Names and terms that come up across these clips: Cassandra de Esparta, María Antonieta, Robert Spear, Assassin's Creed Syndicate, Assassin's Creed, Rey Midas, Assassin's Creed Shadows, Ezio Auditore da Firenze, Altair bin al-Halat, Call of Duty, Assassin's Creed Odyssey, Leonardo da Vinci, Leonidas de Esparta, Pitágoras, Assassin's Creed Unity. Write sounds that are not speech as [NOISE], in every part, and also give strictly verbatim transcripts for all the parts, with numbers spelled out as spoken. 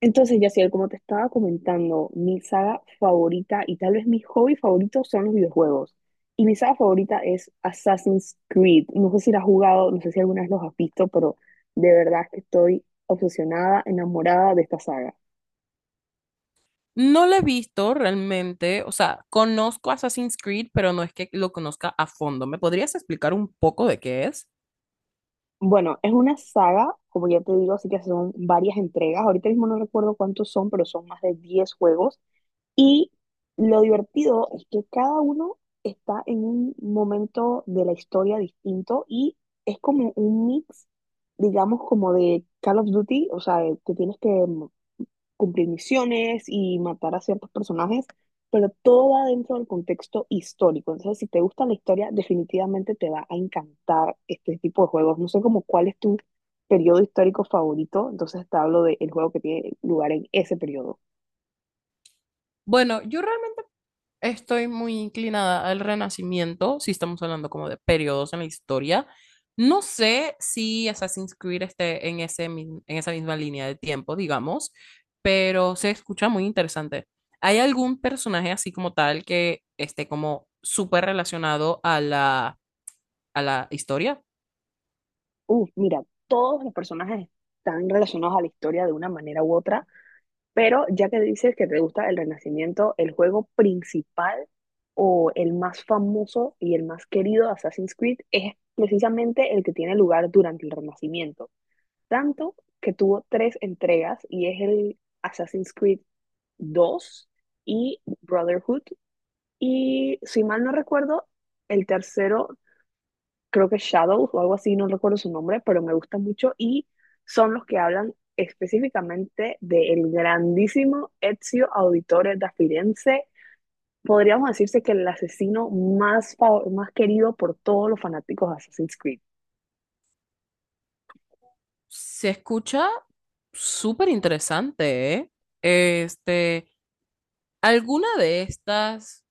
Entonces, Yaciel, como te estaba comentando, mi saga favorita y tal vez mi hobby favorito son los videojuegos. Y mi saga favorita es Assassin's Creed. No sé si la has jugado, no sé si alguna vez los has visto, pero de verdad que estoy obsesionada, enamorada de esta saga. No lo he visto realmente, o sea, conozco Assassin's Creed, pero no es que lo conozca a fondo. ¿Me podrías explicar un poco de qué es? Bueno, es una saga, como ya te digo, así que son varias entregas. Ahorita mismo no recuerdo cuántos son, pero son más de diez juegos. Y lo divertido es que cada uno está en un momento de la historia distinto y es como un mix, digamos, como de Call of Duty, o sea, de que tienes que mm, cumplir misiones y matar a ciertos personajes, pero todo va dentro del contexto histórico. Entonces, si te gusta la historia, definitivamente te va a encantar este tipo de juegos. No sé como cuál es tu periodo histórico favorito, entonces te hablo del juego que tiene lugar en ese periodo. Bueno, yo realmente estoy muy inclinada al Renacimiento, si estamos hablando como de periodos en la historia. No sé si Assassin's Creed esté en, ese, mi- en esa misma línea de tiempo, digamos, pero se escucha muy interesante. ¿Hay algún personaje así como tal que esté como súper relacionado a la, a la historia? Uf, mira, todos los personajes están relacionados a la historia de una manera u otra, pero ya que dices que te gusta el Renacimiento, el juego principal o el más famoso y el más querido de Assassin's Creed es precisamente el que tiene lugar durante el Renacimiento. Tanto que tuvo tres entregas y es el Assassin's Creed dos y Brotherhood. Y si mal no recuerdo, el tercero creo que Shadows o algo así, no recuerdo su nombre, pero me gusta mucho y son los que hablan específicamente del grandísimo Ezio Auditore da Firenze. Podríamos decirse que el asesino más, fav- más querido por todos los fanáticos de Assassin's Creed. Se escucha súper interesante, ¿eh? Este, ¿Alguna de estas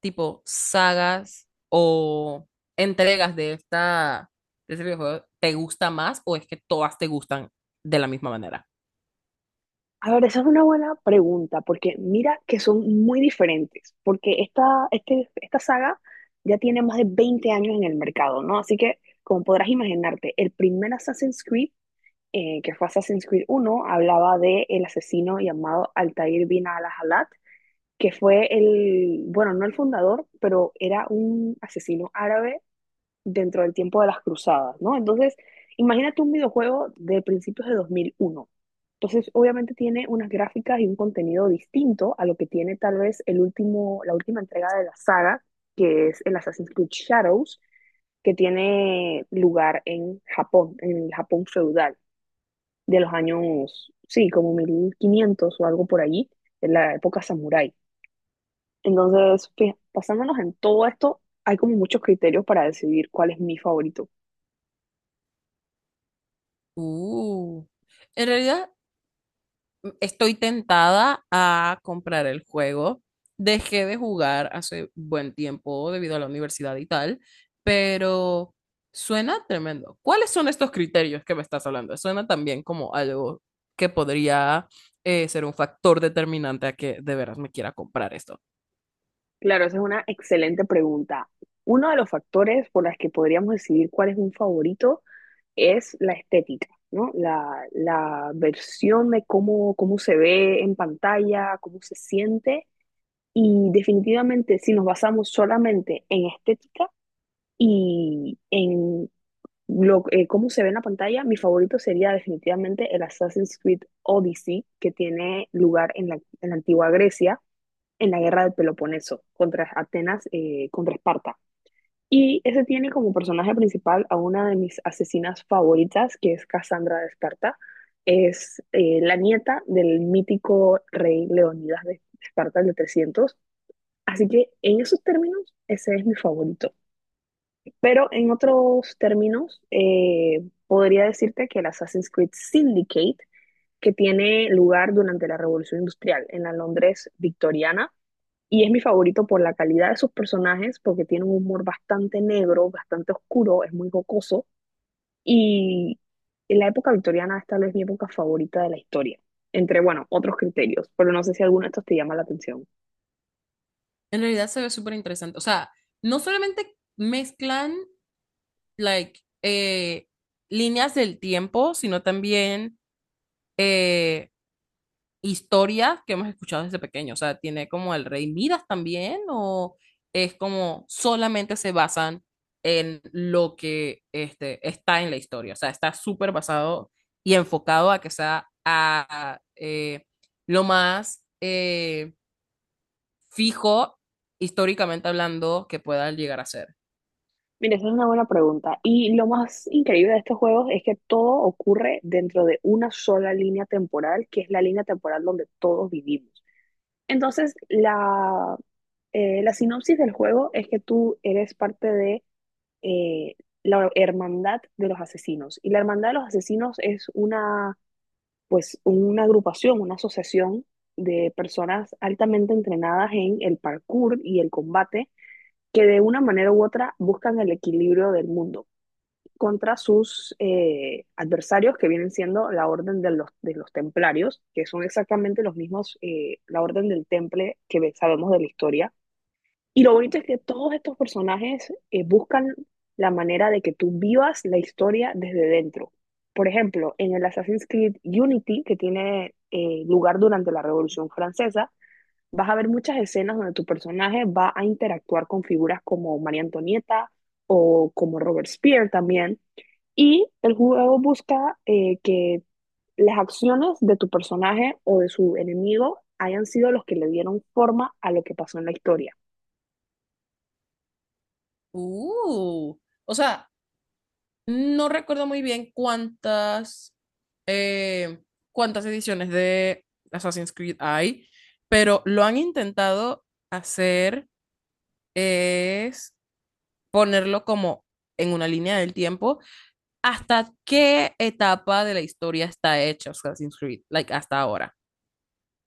tipo sagas o entregas de esta de este videojuego te gusta más o es que todas te gustan de la misma manera? A ver, esa es una buena pregunta, porque mira que son muy diferentes, porque esta, este, esta saga ya tiene más de veinte años en el mercado, ¿no? Así que, como podrás imaginarte, el primer Assassin's Creed eh, que fue Assassin's Creed uno hablaba de el asesino llamado Altair bin al-Halat, que fue el, bueno, no el fundador, pero era un asesino árabe dentro del tiempo de las cruzadas, ¿no? Entonces, imagínate un videojuego de principios de dos mil uno. Entonces, obviamente tiene unas gráficas y un contenido distinto a lo que tiene tal vez el último, la última entrega de la saga, que es el Assassin's Creed Shadows, que tiene lugar en Japón, en el Japón feudal de los años, sí, como mil quinientos o algo por allí, en la época samurái. Entonces, fija- basándonos en todo esto, hay como muchos criterios para decidir cuál es mi favorito. Uh, en realidad estoy tentada a comprar el juego. Dejé de jugar hace buen tiempo debido a la universidad y tal, pero suena tremendo. ¿Cuáles son estos criterios que me estás hablando? Suena también como algo que podría eh, ser un factor determinante a que de veras me quiera comprar esto. Claro, esa es una excelente pregunta. Uno de los factores por los que podríamos decidir cuál es un favorito es la estética, ¿no? La, la versión de cómo, cómo se ve en pantalla, cómo se siente. Y definitivamente, si nos basamos solamente en estética y en Lo, eh, cómo se ve en la pantalla, mi favorito sería definitivamente el Assassin's Creed Odyssey, que tiene lugar en la, en la antigua Grecia, en la guerra del Peloponeso, contra Atenas, eh, contra Esparta. Y ese tiene como personaje principal a una de mis asesinas favoritas, que es Cassandra de Esparta. Es eh, la nieta del mítico rey Leonidas de Esparta, el de trescientos. Así que en esos términos, ese es mi favorito. Pero en otros términos, eh, podría decirte que el Assassin's Creed Syndicate, que tiene lugar durante la Revolución Industrial en la Londres victoriana, y es mi favorito por la calidad de sus personajes, porque tiene un humor bastante negro, bastante oscuro, es muy jocoso, y en la época victoriana es tal vez mi época favorita de la historia, entre, bueno, otros criterios, pero no sé si alguno de estos te llama la atención. En realidad se ve súper interesante. O sea, no solamente mezclan like, eh, líneas del tiempo, sino también eh, historias que hemos escuchado desde pequeño. O sea, tiene como el Rey Midas también, o es como solamente se basan en lo que este, está en la historia. O sea, está súper basado y enfocado a que sea a, a, eh, lo más eh, fijo históricamente hablando que pueda llegar a ser. Mira, esa es una buena pregunta. Y lo más increíble de estos juegos es que todo ocurre dentro de una sola línea temporal, que es la línea temporal donde todos vivimos. Entonces, la, eh, la sinopsis del juego es que tú eres parte de eh, la hermandad de los asesinos. Y la hermandad de los asesinos es una, pues, una agrupación, una asociación de personas altamente entrenadas en el parkour y el combate, que de una manera u otra buscan el equilibrio del mundo contra sus eh, adversarios, que vienen siendo la orden de los, de los templarios, que son exactamente los mismos, eh, la orden del temple que sabemos de la historia. Y lo bonito es que todos estos personajes eh, buscan la manera de que tú vivas la historia desde dentro. Por ejemplo, en el Assassin's Creed Unity, que tiene eh, lugar durante la Revolución Francesa, vas a ver muchas escenas donde tu personaje va a interactuar con figuras como María Antonieta o como Robert Spear también, y el juego busca eh, que las acciones de tu personaje o de su enemigo hayan sido los que le dieron forma a lo que pasó en la historia. Uh, o sea, no recuerdo muy bien cuántas, eh, cuántas ediciones de Assassin's Creed hay, pero lo han intentado hacer es ponerlo como en una línea del tiempo hasta qué etapa de la historia está hecha Assassin's Creed, like hasta ahora.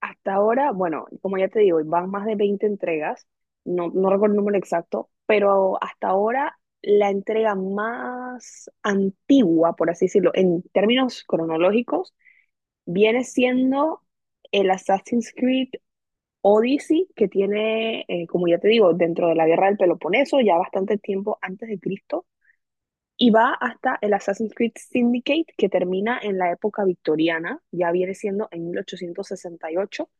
Hasta ahora, bueno, como ya te digo, van más de veinte entregas, no, no recuerdo el número exacto, pero hasta ahora la entrega más antigua, por así decirlo, en términos cronológicos, viene siendo el Assassin's Creed Odyssey, que tiene, eh, como ya te digo, dentro de la guerra del Peloponeso, ya bastante tiempo antes de Cristo, y va hasta el Assassin's Creed Syndicate, que termina en la época victoriana, ya viene siendo en mil ochocientos sesenta y ocho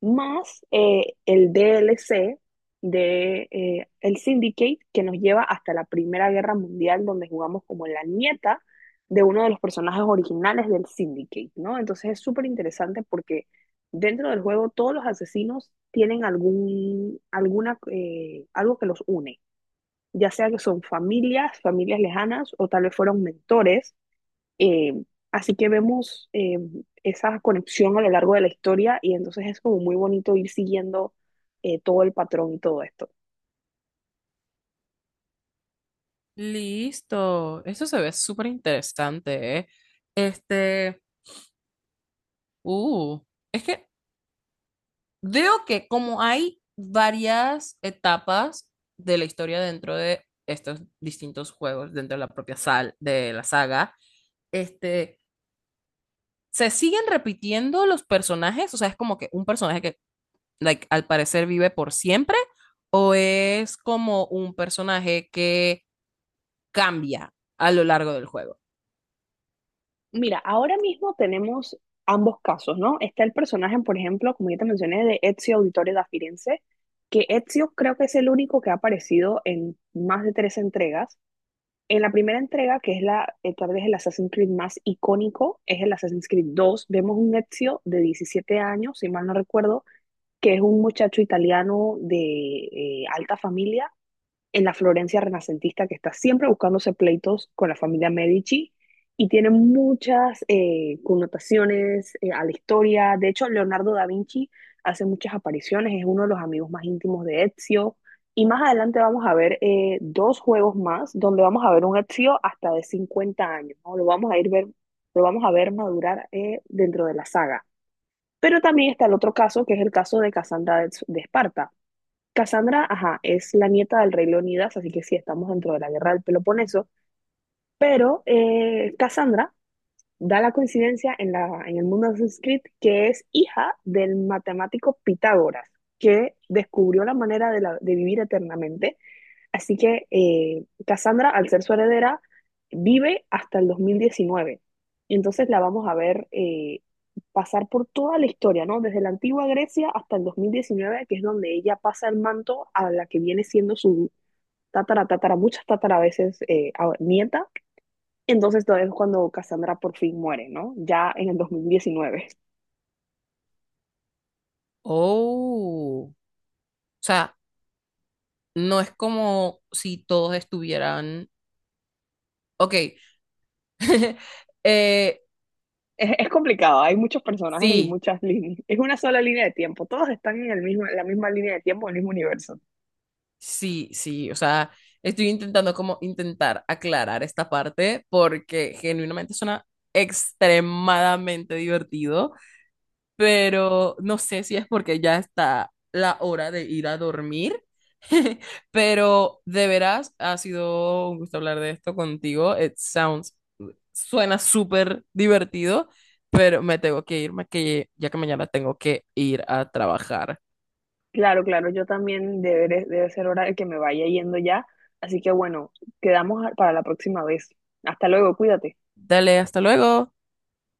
más eh, el D L C de eh, el Syndicate que nos lleva hasta la Primera Guerra Mundial, donde jugamos como la nieta de uno de los personajes originales del Syndicate, ¿no? Entonces es súper interesante porque dentro del juego todos los asesinos tienen algún, alguna, eh, algo que los une, ya sea que son familias, familias lejanas o tal vez fueron mentores eh, así que vemos eh, esa conexión a lo largo de la historia y entonces es como muy bonito ir siguiendo eh, todo el patrón y todo esto. Listo, eso se ve súper interesante, ¿eh? Este, uh, es que veo que como hay varias etapas de la historia dentro de estos distintos juegos, dentro de la propia sal de la saga, este, se siguen repitiendo los personajes, o sea, es como que un personaje que like, al parecer vive por siempre o es como un personaje que cambia a lo largo del juego. Mira, ahora mismo tenemos ambos casos, ¿no? Está el personaje, por ejemplo, como ya te mencioné, de Ezio Auditore da Firenze, que Ezio creo que es el único que ha aparecido en más de tres entregas. En la primera entrega, que es la, eh, tal vez el Assassin's Creed más icónico, es el Assassin's Creed dos. Vemos un Ezio de diecisiete años, si mal no recuerdo, que es un muchacho italiano de eh, alta familia en la Florencia renacentista que está siempre buscándose pleitos con la familia Medici y tiene muchas eh, connotaciones eh, a la historia. De hecho, Leonardo da Vinci hace muchas apariciones, es uno de los amigos más íntimos de Ezio. Y más adelante vamos a ver eh, dos juegos más donde vamos a ver un Ezio hasta de cincuenta años, ¿no? Lo vamos a ir ver, lo vamos a ver madurar eh, dentro de la saga. Pero también está el otro caso, que es el caso de Casandra de, de Esparta. Casandra, ajá, es la nieta del rey Leonidas, así que sí, estamos dentro de la guerra del Peloponeso, pero eh, Casandra da la coincidencia en, la, en el mundo de Assassin's Creed que es hija del matemático Pitágoras, que descubrió la manera de, la, de vivir eternamente. Así que eh, Cassandra, al ser su heredera, vive hasta el dos mil diecinueve. Entonces la vamos a ver eh, pasar por toda la historia, ¿no? Desde la antigua Grecia hasta el dos mil diecinueve, que es donde ella pasa el manto a la que viene siendo su tatara, tatara, muchas tatara a veces eh, a- nieta. Entonces todo es cuando Cassandra por fin muere, ¿no? Ya en el dos mil diecinueve. [LAUGHS] Oh, o sea, no es como si todos estuvieran, ok, [LAUGHS] eh, Es, es complicado, hay muchos personajes y sí, muchas líneas. Es una sola línea de tiempo, todos están en el mismo, en la misma línea de tiempo, en el mismo universo. sí, sí, o sea, estoy intentando como intentar aclarar esta parte porque genuinamente suena extremadamente divertido, pero no sé si es porque ya está la hora de ir a dormir, [LAUGHS] pero de veras ha sido un gusto hablar de esto contigo. It sounds, suena súper divertido, pero me tengo que irme que ya que mañana tengo que ir a trabajar. Claro, claro, yo también deberé, debe ser hora de que me vaya yendo ya. Así que bueno, quedamos a- para la próxima vez. Hasta luego, cuídate. Dale, hasta luego.